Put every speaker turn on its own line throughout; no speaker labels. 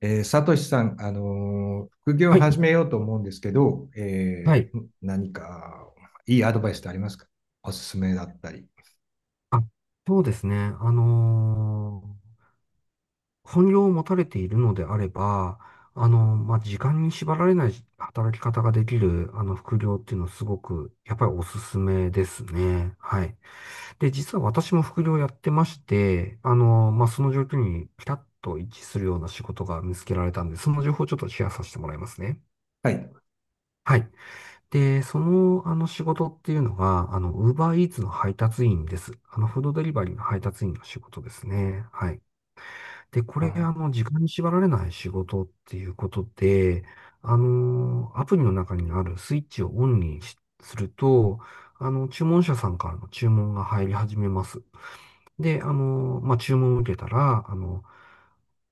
サトシさん、副業を
はい、
始めようと思うんですけど、
はい。
何かいいアドバイスってありますか？おすすめだったり。
あ、そうですね。本業を持たれているのであれば、まあ、時間に縛られない働き方ができる、副業っていうのはすごく、やっぱりおすすめですね。はい。で、実は私も副業やってまして、まあ、その状況にピタッと一致するような仕事が見つけられたんで、その情報をちょっとシェアさせてもらいますね。
はい。
はい。で、その仕事っていうのが、ウーバーイーツの配達員です。あの、フードデリバリーの配達員の仕事ですね。はい。で、これ、
あ
時間に縛られない仕事っていうことで、アプリの中にあるスイッチをオンにしすると、注文者さんからの注文が入り始めます。で、注文を受けたら、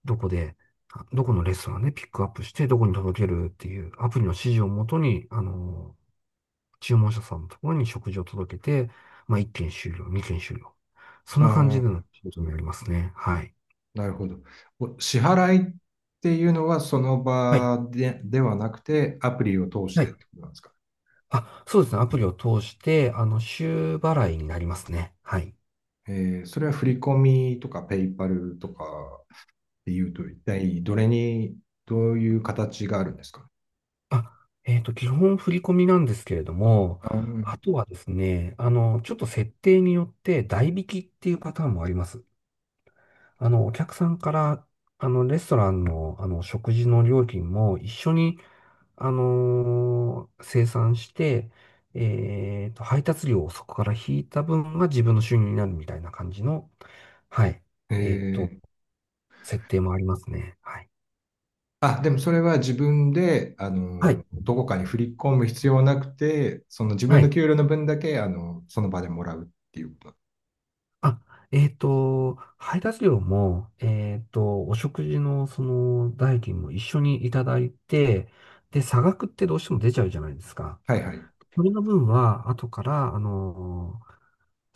どこで、どこのレストランでピックアップして、どこに届けるっていうアプリの指示をもとに、注文者さんのところに食事を届けて、まあ、1件終了、2件終了。そんな感
あ
じでの
ー、
仕事になりますね。はい。
なるほど。お支払いっていうのはその
はい。
場で、ではなくて、アプリを通し
は
てっ
い。
てことなんですか？
あ、そうですね。アプリを通して、週払いになりますね。はい。
それは振り込みとかペイパルとかっていうと、一体どれに、どういう形があるんですか？
あ、基本振り込みなんですけれども、
あー、
あとはですね、ちょっと設定によって代引きっていうパターンもあります。あの、お客さんから、あの、レストランの、食事の料金も一緒に生産して、えっと、配達料をそこから引いた分が自分の収入になるみたいな感じの、はい、えっと、
え、
設定もありますね。はい。
あ、でもそれは自分で、あ
は
の、
い。
どこかに振り込む必要はなくて、その自分
は
の
い。
給料の分だけ、あの、その場でもらうっていうこと。
あ、えっと、配達料も、えっと、お食事のその代金も一緒にいただいて、で、差額ってどうしても出ちゃうじゃないですか。
はいはい。
それの分は、後から、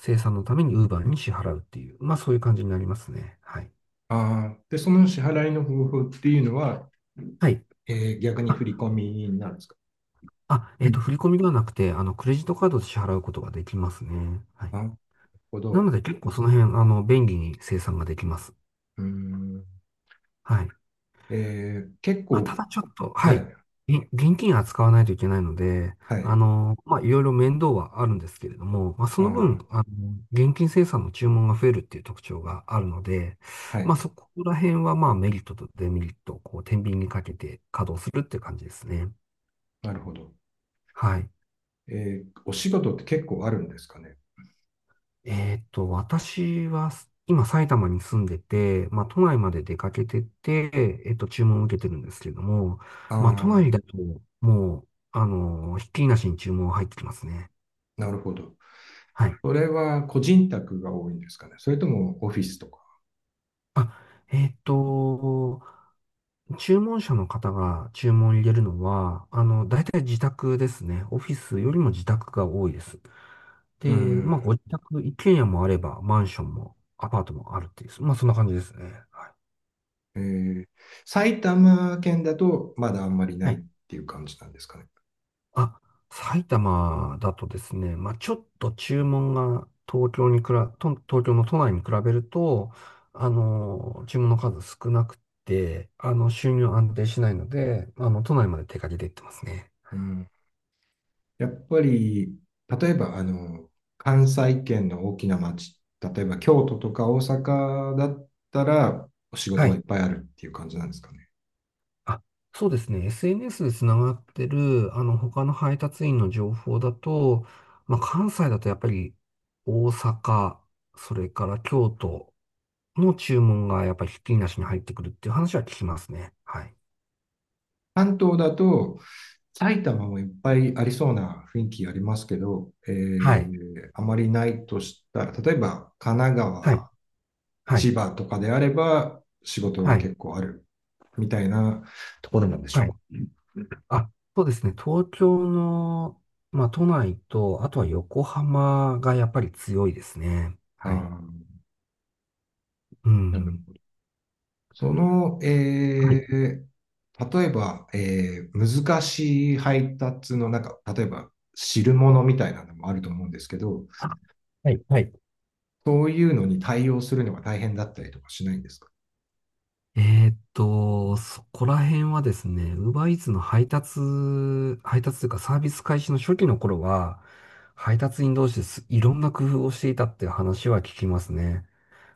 生産のために Uber に支払うっていう、まあそういう感じになりますね。はい。
ああ、で、その支払いの方法っていうのは、
はい。
えー逆に振り
あ、
込みになるんですか？うん、
振り込みではなくて、クレジットカードで支払うことができますね。はい。
なるほ
な
ど。
ので、結構その辺、便利に生産ができます。
うーん。
はい。
えー結
まあ、た
構、
だちょっと、は
は
い。
い、
現金扱わないといけないので、
はい、
まあ、いろいろ面倒はあるんですけれども、まあ、そ
あ
の分、
ー、
現金生産の注文が増えるっていう特徴があるので、
は
まあ、
い、
そこら辺は、まあ、メリットとデメリットを、こう、天秤にかけて稼働するっていう感じですね。
なるほど。
はい。
えーお仕事って結構あるんですかね？
えーっと、私は今埼玉に住んでて、まあ都内まで出かけてて、えっと注文を受けてるんですけども、まあ都
ああ、
内だともう、ひっきりなしに注文入ってきますね。
なるほど。
はい。
それは個人宅が多いんですかね？それともオフィスとか。
あ、えーっと、注文者の方が注文を入れるのは、大体自宅ですね。オフィスよりも自宅が多いです。
う
で、
ん。
まあご自宅、一軒家もあれば、マンションもアパートもあるっていう、まあそんな感じですね。はい。
えー、埼玉県だとまだあんまりな
は
いっ
い。
ていう感じなんですかね。
あ、埼玉だとですね、まあ、ちょっと注文が東京にくら、と東京の都内に比べると、注文の数少なくて、収入安定しないので、都内まで手掛けていってますね。
うん。やっぱり、例えば、あの、関西圏の大きな町、例えば京都とか大阪だったら、お仕
は
事はい
い。
っぱいあるっていう感じなんですかね。
あ、そうですね。SNS でつながってる、他の配達員の情報だと、まあ、関西だとやっぱり大阪、それから京都の注文がやっぱりひっきりなしに入ってくるっていう話は聞きますね。はい。
関東だと、埼玉もいっぱいありそうな雰囲気ありますけど、え
はい。
ー、あまりないとしたら、例えば神奈
はい、
川、
はい、
千葉とかであれば仕事は
はい、
結構あるみたいなところなんでしょ
は
うか。
い。あ、そうですね。東京の、まあ、都内と、あとは横浜がやっぱり強いですね。
あ
はい。
ー、
う
なる
ん。
ほど。その、
は
え
い。
ー例えば、えー難しい配達の中、例えば汁物みたいなのもあると思うんですけど、
あはい、はい。
そういうのに対応するのが大変だったりとかしないんですか？
えーっと、そこら辺はですね、UberEats の配達、配達というかサービス開始の初期の頃は、配達員同士です。いろんな工夫をしていたっていう話は聞きますね。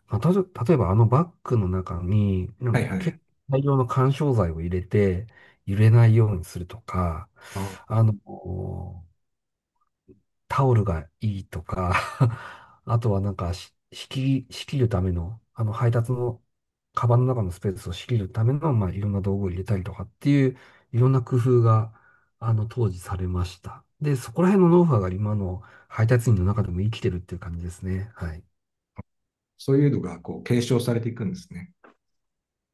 まあ、例えばあのバッグの中に、なん
は
か
いはい。
結構大量の緩衝材を入れて、揺れないようにするとか、
あ、
あの、タオルがいいとか、あとはなんかし、仕切るための、あの配達の、カバンの中のスペースを仕切るための、まあ、いろんな道具を入れたりとかっていう、いろんな工夫が、当時されました。で、そこら辺のノウハウが今の配達員の中でも生きてるっていう感じですね。はい。
そういうのがこう継承されていくんですね。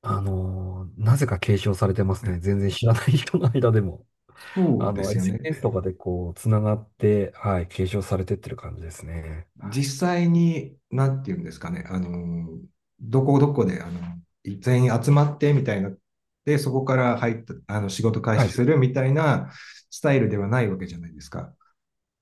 なぜか継承されてます
ね、
ね。全然知らない人の間でも。
そ
あ
うで
の、
すよね。
SNS とかでこう、つながって、はい、継承されてってる感じですね。
実際に、なんていうんですかね、あの、どこどこで、あの、全員集まってみたいな、で、そこから入った、あの、仕事開
は
始
い、
するみたいなスタイルではないわけじゃないですか。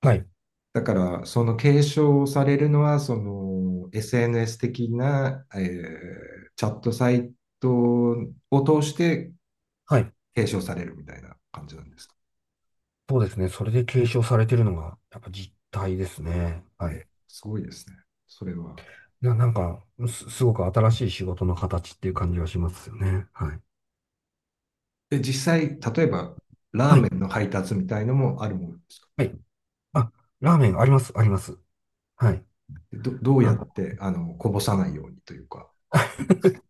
はい、
だから、その継承されるのは、その、SNS 的な、えーチャットサイトを通して
はい。
継承されるみたいな感じなんですか。
そうですね。それで継承されてるのが、やっぱ実態ですね。はい。
すごいですね。それは。
なんか、すごく新しい仕事の形っていう感じがしますよね。はい。
で、実際、例えば、ラー
は
メ
い、
ンの配達みたいのもあるものですか？
はい。あ、ラーメンあります、あります。はい。
ど、どう
あ
やっ
の
てあのこぼさないようにというか、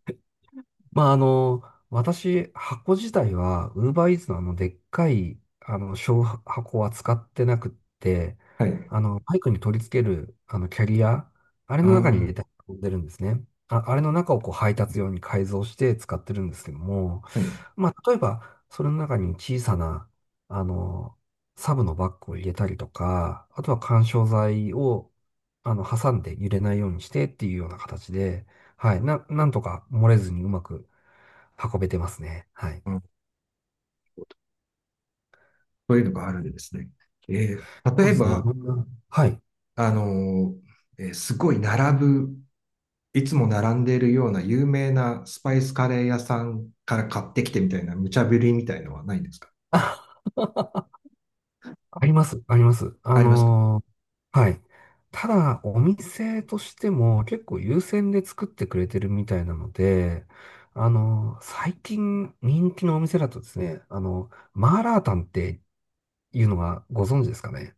まあ、あの、私、箱自体は、ウーバーイーツのあの、でっかい、あの、小箱は使ってなくって、
はい、
バイクに取り付ける、キャリア、あれの中に入
あ
れて運んでるんですね。あ、あれの中をこう配達用に改造して使ってるんですけども、
あ、はい、
まあ、例えば、それの中に小さな、あの、サブのバッグを入れたりとか、あとは緩衝材を、挟んで揺れないようにしてっていうような形で、はい。なんとか漏れずにうまく運べてますね。はい。
うん、そういうのがあるんですね。えー
そ
例
う
え
ですね。い
ば、
ろんな、はい。
あのえーすごい並ぶ、いつも並んでいるような有名なスパイスカレー屋さんから買ってきてみたいな無茶ぶりみたいのはないんですか？
あります。あります。
ありますか？
はい。ただ、お店としても結構優先で作ってくれてるみたいなので、最近人気のお店だとですね、マーラータンっていうのはご存知ですかね。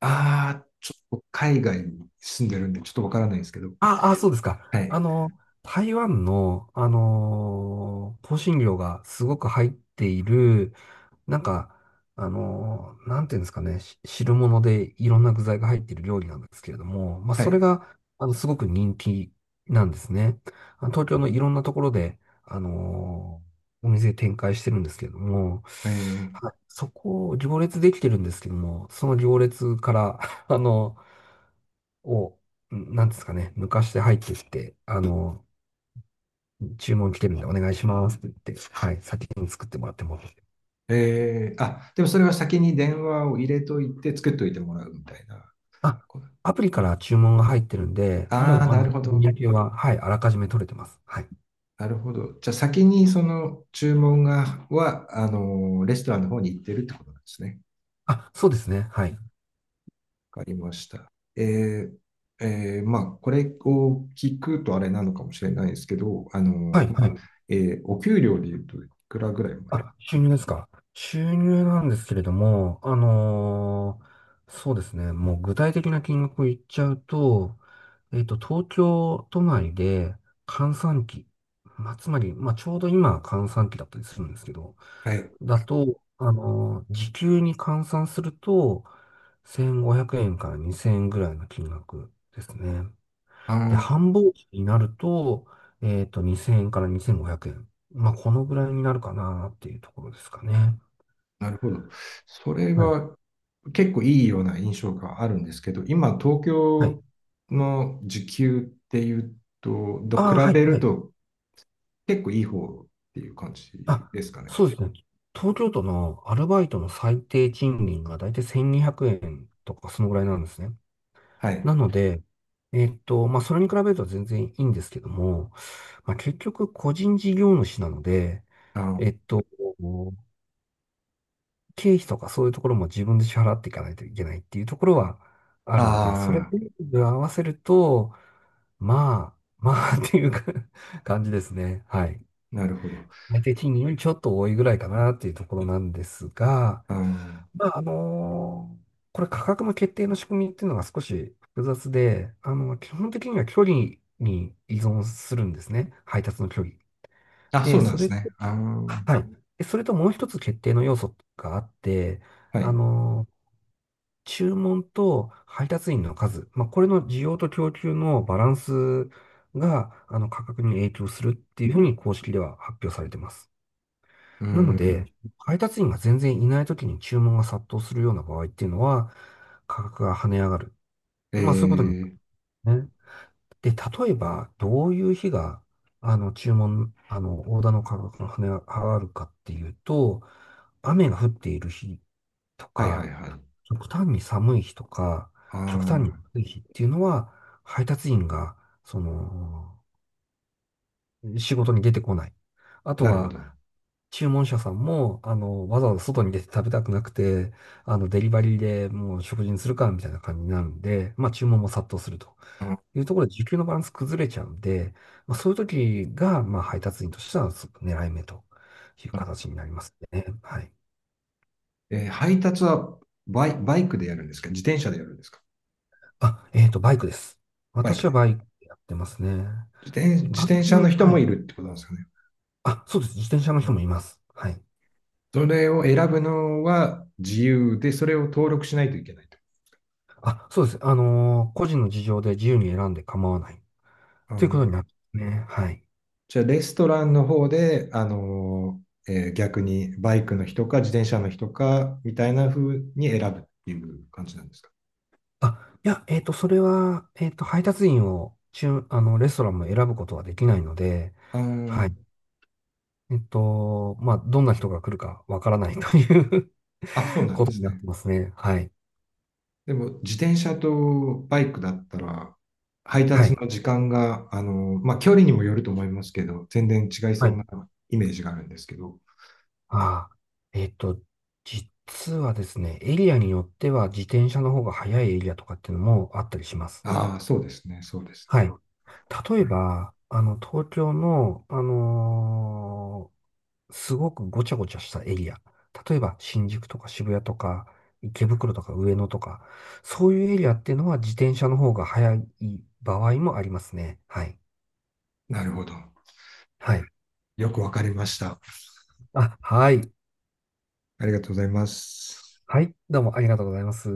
ああー、ちょっと海外に住んでるんでちょっとわからないんですけど。
ああ、そうですか。
はい、
台湾の、香辛料がすごく入っている、なんか、なんていうんですかね、汁物でいろんな具材が入っている料理なんですけれども、まあ、
は
それ
い。
が、あの、すごく人気なんですね。あの東京のいろんなところで、お店展開してるんですけれども、
え
はい
ー、
そこを行列できてるんですけども、その行列から、あの、を、なんですかね、抜かして入ってきて、注文来てるんでお願いしますって言って、はい、先に作ってもらっても。
えー、あ、でもそれは先に電話を入れといて作っといてもらうみたいな。
あ、アプリから注文が入ってるんで、
あ
も
あ、
う、
なるほ
日
ど。
焼けは、はい、あらかじめ取れてます。はい。
なるほど。じゃあ先にその注文が、は、あの、レストランの方に行ってるってことなんですね。
あ、そうですね。はい。
わかりました。えー、えーまあ、これを聞くとあれなのかもしれないですけど、あの、
はい、
ま
は
あ、
い。
えーお給料で言うといくらぐらいもらえる？
あ、収入ですか。収入なんですけれども、そうですね。もう具体的な金額を言っちゃうと、えっと、東京都内で閑散期、まあ、つまり、まあ、ちょうど今閑散期だったりするんですけど、
はい。
だと、時給に換算すると、1500円から2000円ぐらいの金額ですね。で、
ああ、
繁忙期になると、えっと、2000円から2500円。まあ、このぐらいになるかなっていうところですかね。
なるほど。それ
はい。
は結構いいような印象があるんですけど、今、東
は
京
い。
の時給っていうと、と比
ああ、はい、
べる
はい。
と結構いい方っていう感じ
あ、
ですかね。
そうですね。東京都のアルバイトの最低賃金がだいたい1200円とか、そのぐらいなんですね。
は
な
い。
ので、まあ、それに比べると全然いいんですけども、まあ、結局、個人事業主なので、
あ
えっと、経費とかそういうところも自分で支払っていかないといけないっていうところはあるので、それ
あ
で合わせると、まあ、まあ っていうか 感じですね。はい。
ー、なるほど。
最低賃金よりちょっと多いぐらいかなっていうところなんですが、
あー、
まあ、これ価格の決定の仕組みっていうのが少し複雑で、あの、基本的には距離に依存するんですね。配達の距離。
あ、そ
で、
うなん
そ
です
れ、
ね。あー、
はい。でそれともう一つ決定の要素があって、
は
あ
い。
の注文と配達員の数、まあ、これの需要と供給のバランスが、あの、価格に影響するっていうふうに公式では発表されてます。
う
なの
ん。
で、配達員が全然いない時に注文が殺到するような場合っていうのは、価格が跳ね上がる。
え
まあ、そういうことに
ー、
なるんですね。で、例えば、どういう日が、あの、注文、あの、オーダーの価格が跳ね上がるかっていうと、雨が降っている日と
はいはい
か、
はい。
極端に寒い日とか、
あ
極端に
あ、
暑い日っていうのは、配達員が、その、仕事に出てこない。あと
なるほ
は、
ど。
注文者さんも、あの、わざわざ外に出て食べたくなくて、あの、デリバリーでもう食事にするか、みたいな感じになるんで、まあ、注文も殺到すると
あ、
いうところで、需給のバランス崩れちゃうんで、まあ、そういう時が、まあ、配達員としては、すごく狙い目という形になりますね。はい。
えー配達はバイ、バイクでやるんですか？自転車でやるんですか？
あ、バイクです。
バイク
私は
で。
バイクやってますね。
自転、
一
自
般
転
的
車
に、
の人
は
も
い。
いるってことなんですかね。
あ、そうです。自転車の人もいます。はい。
それを選ぶのは自由で、それを登録しないといけないと。
あ、そうです。個人の事情で自由に選んで構わない。ということになってますね。はい。
じゃあ、レストランの方で、あのーえー逆にバイクの人か自転車の人かみたいな風に選ぶっていう感じなんですか？
あ、いや、それは、配達員を、中、あの、レストランも選ぶことはできないので、
あ
は
ー、
い。まあ、どんな人が来るかわからないという
あ、そう なん
こ
で
とに
す
なって
ね。
ますね。はい。
でも、自転車とバイクだったら、配
は
達
い。
の時間が、まあ、距離にもよると思いますけど、全然違い
は
そう
い。
なイメージがあるんですけど、
ああ、えっと、実はですね、エリアによっては自転車の方が速いエリアとかっていうのもあったりします。
ああ、そうですね、そうです
はい。
ね。
例
う
え
ん、
ば、あの、東京の、すごくごちゃごちゃしたエリア。例えば、新宿とか渋谷とか、池袋とか上野とか、そういうエリアっていうのは自転車の方が速い場合もありますね。はい。
なるほど。
はい。
よくわかりました。
あ、はい。
ありがとうございます。
はい。どうもありがとうございます。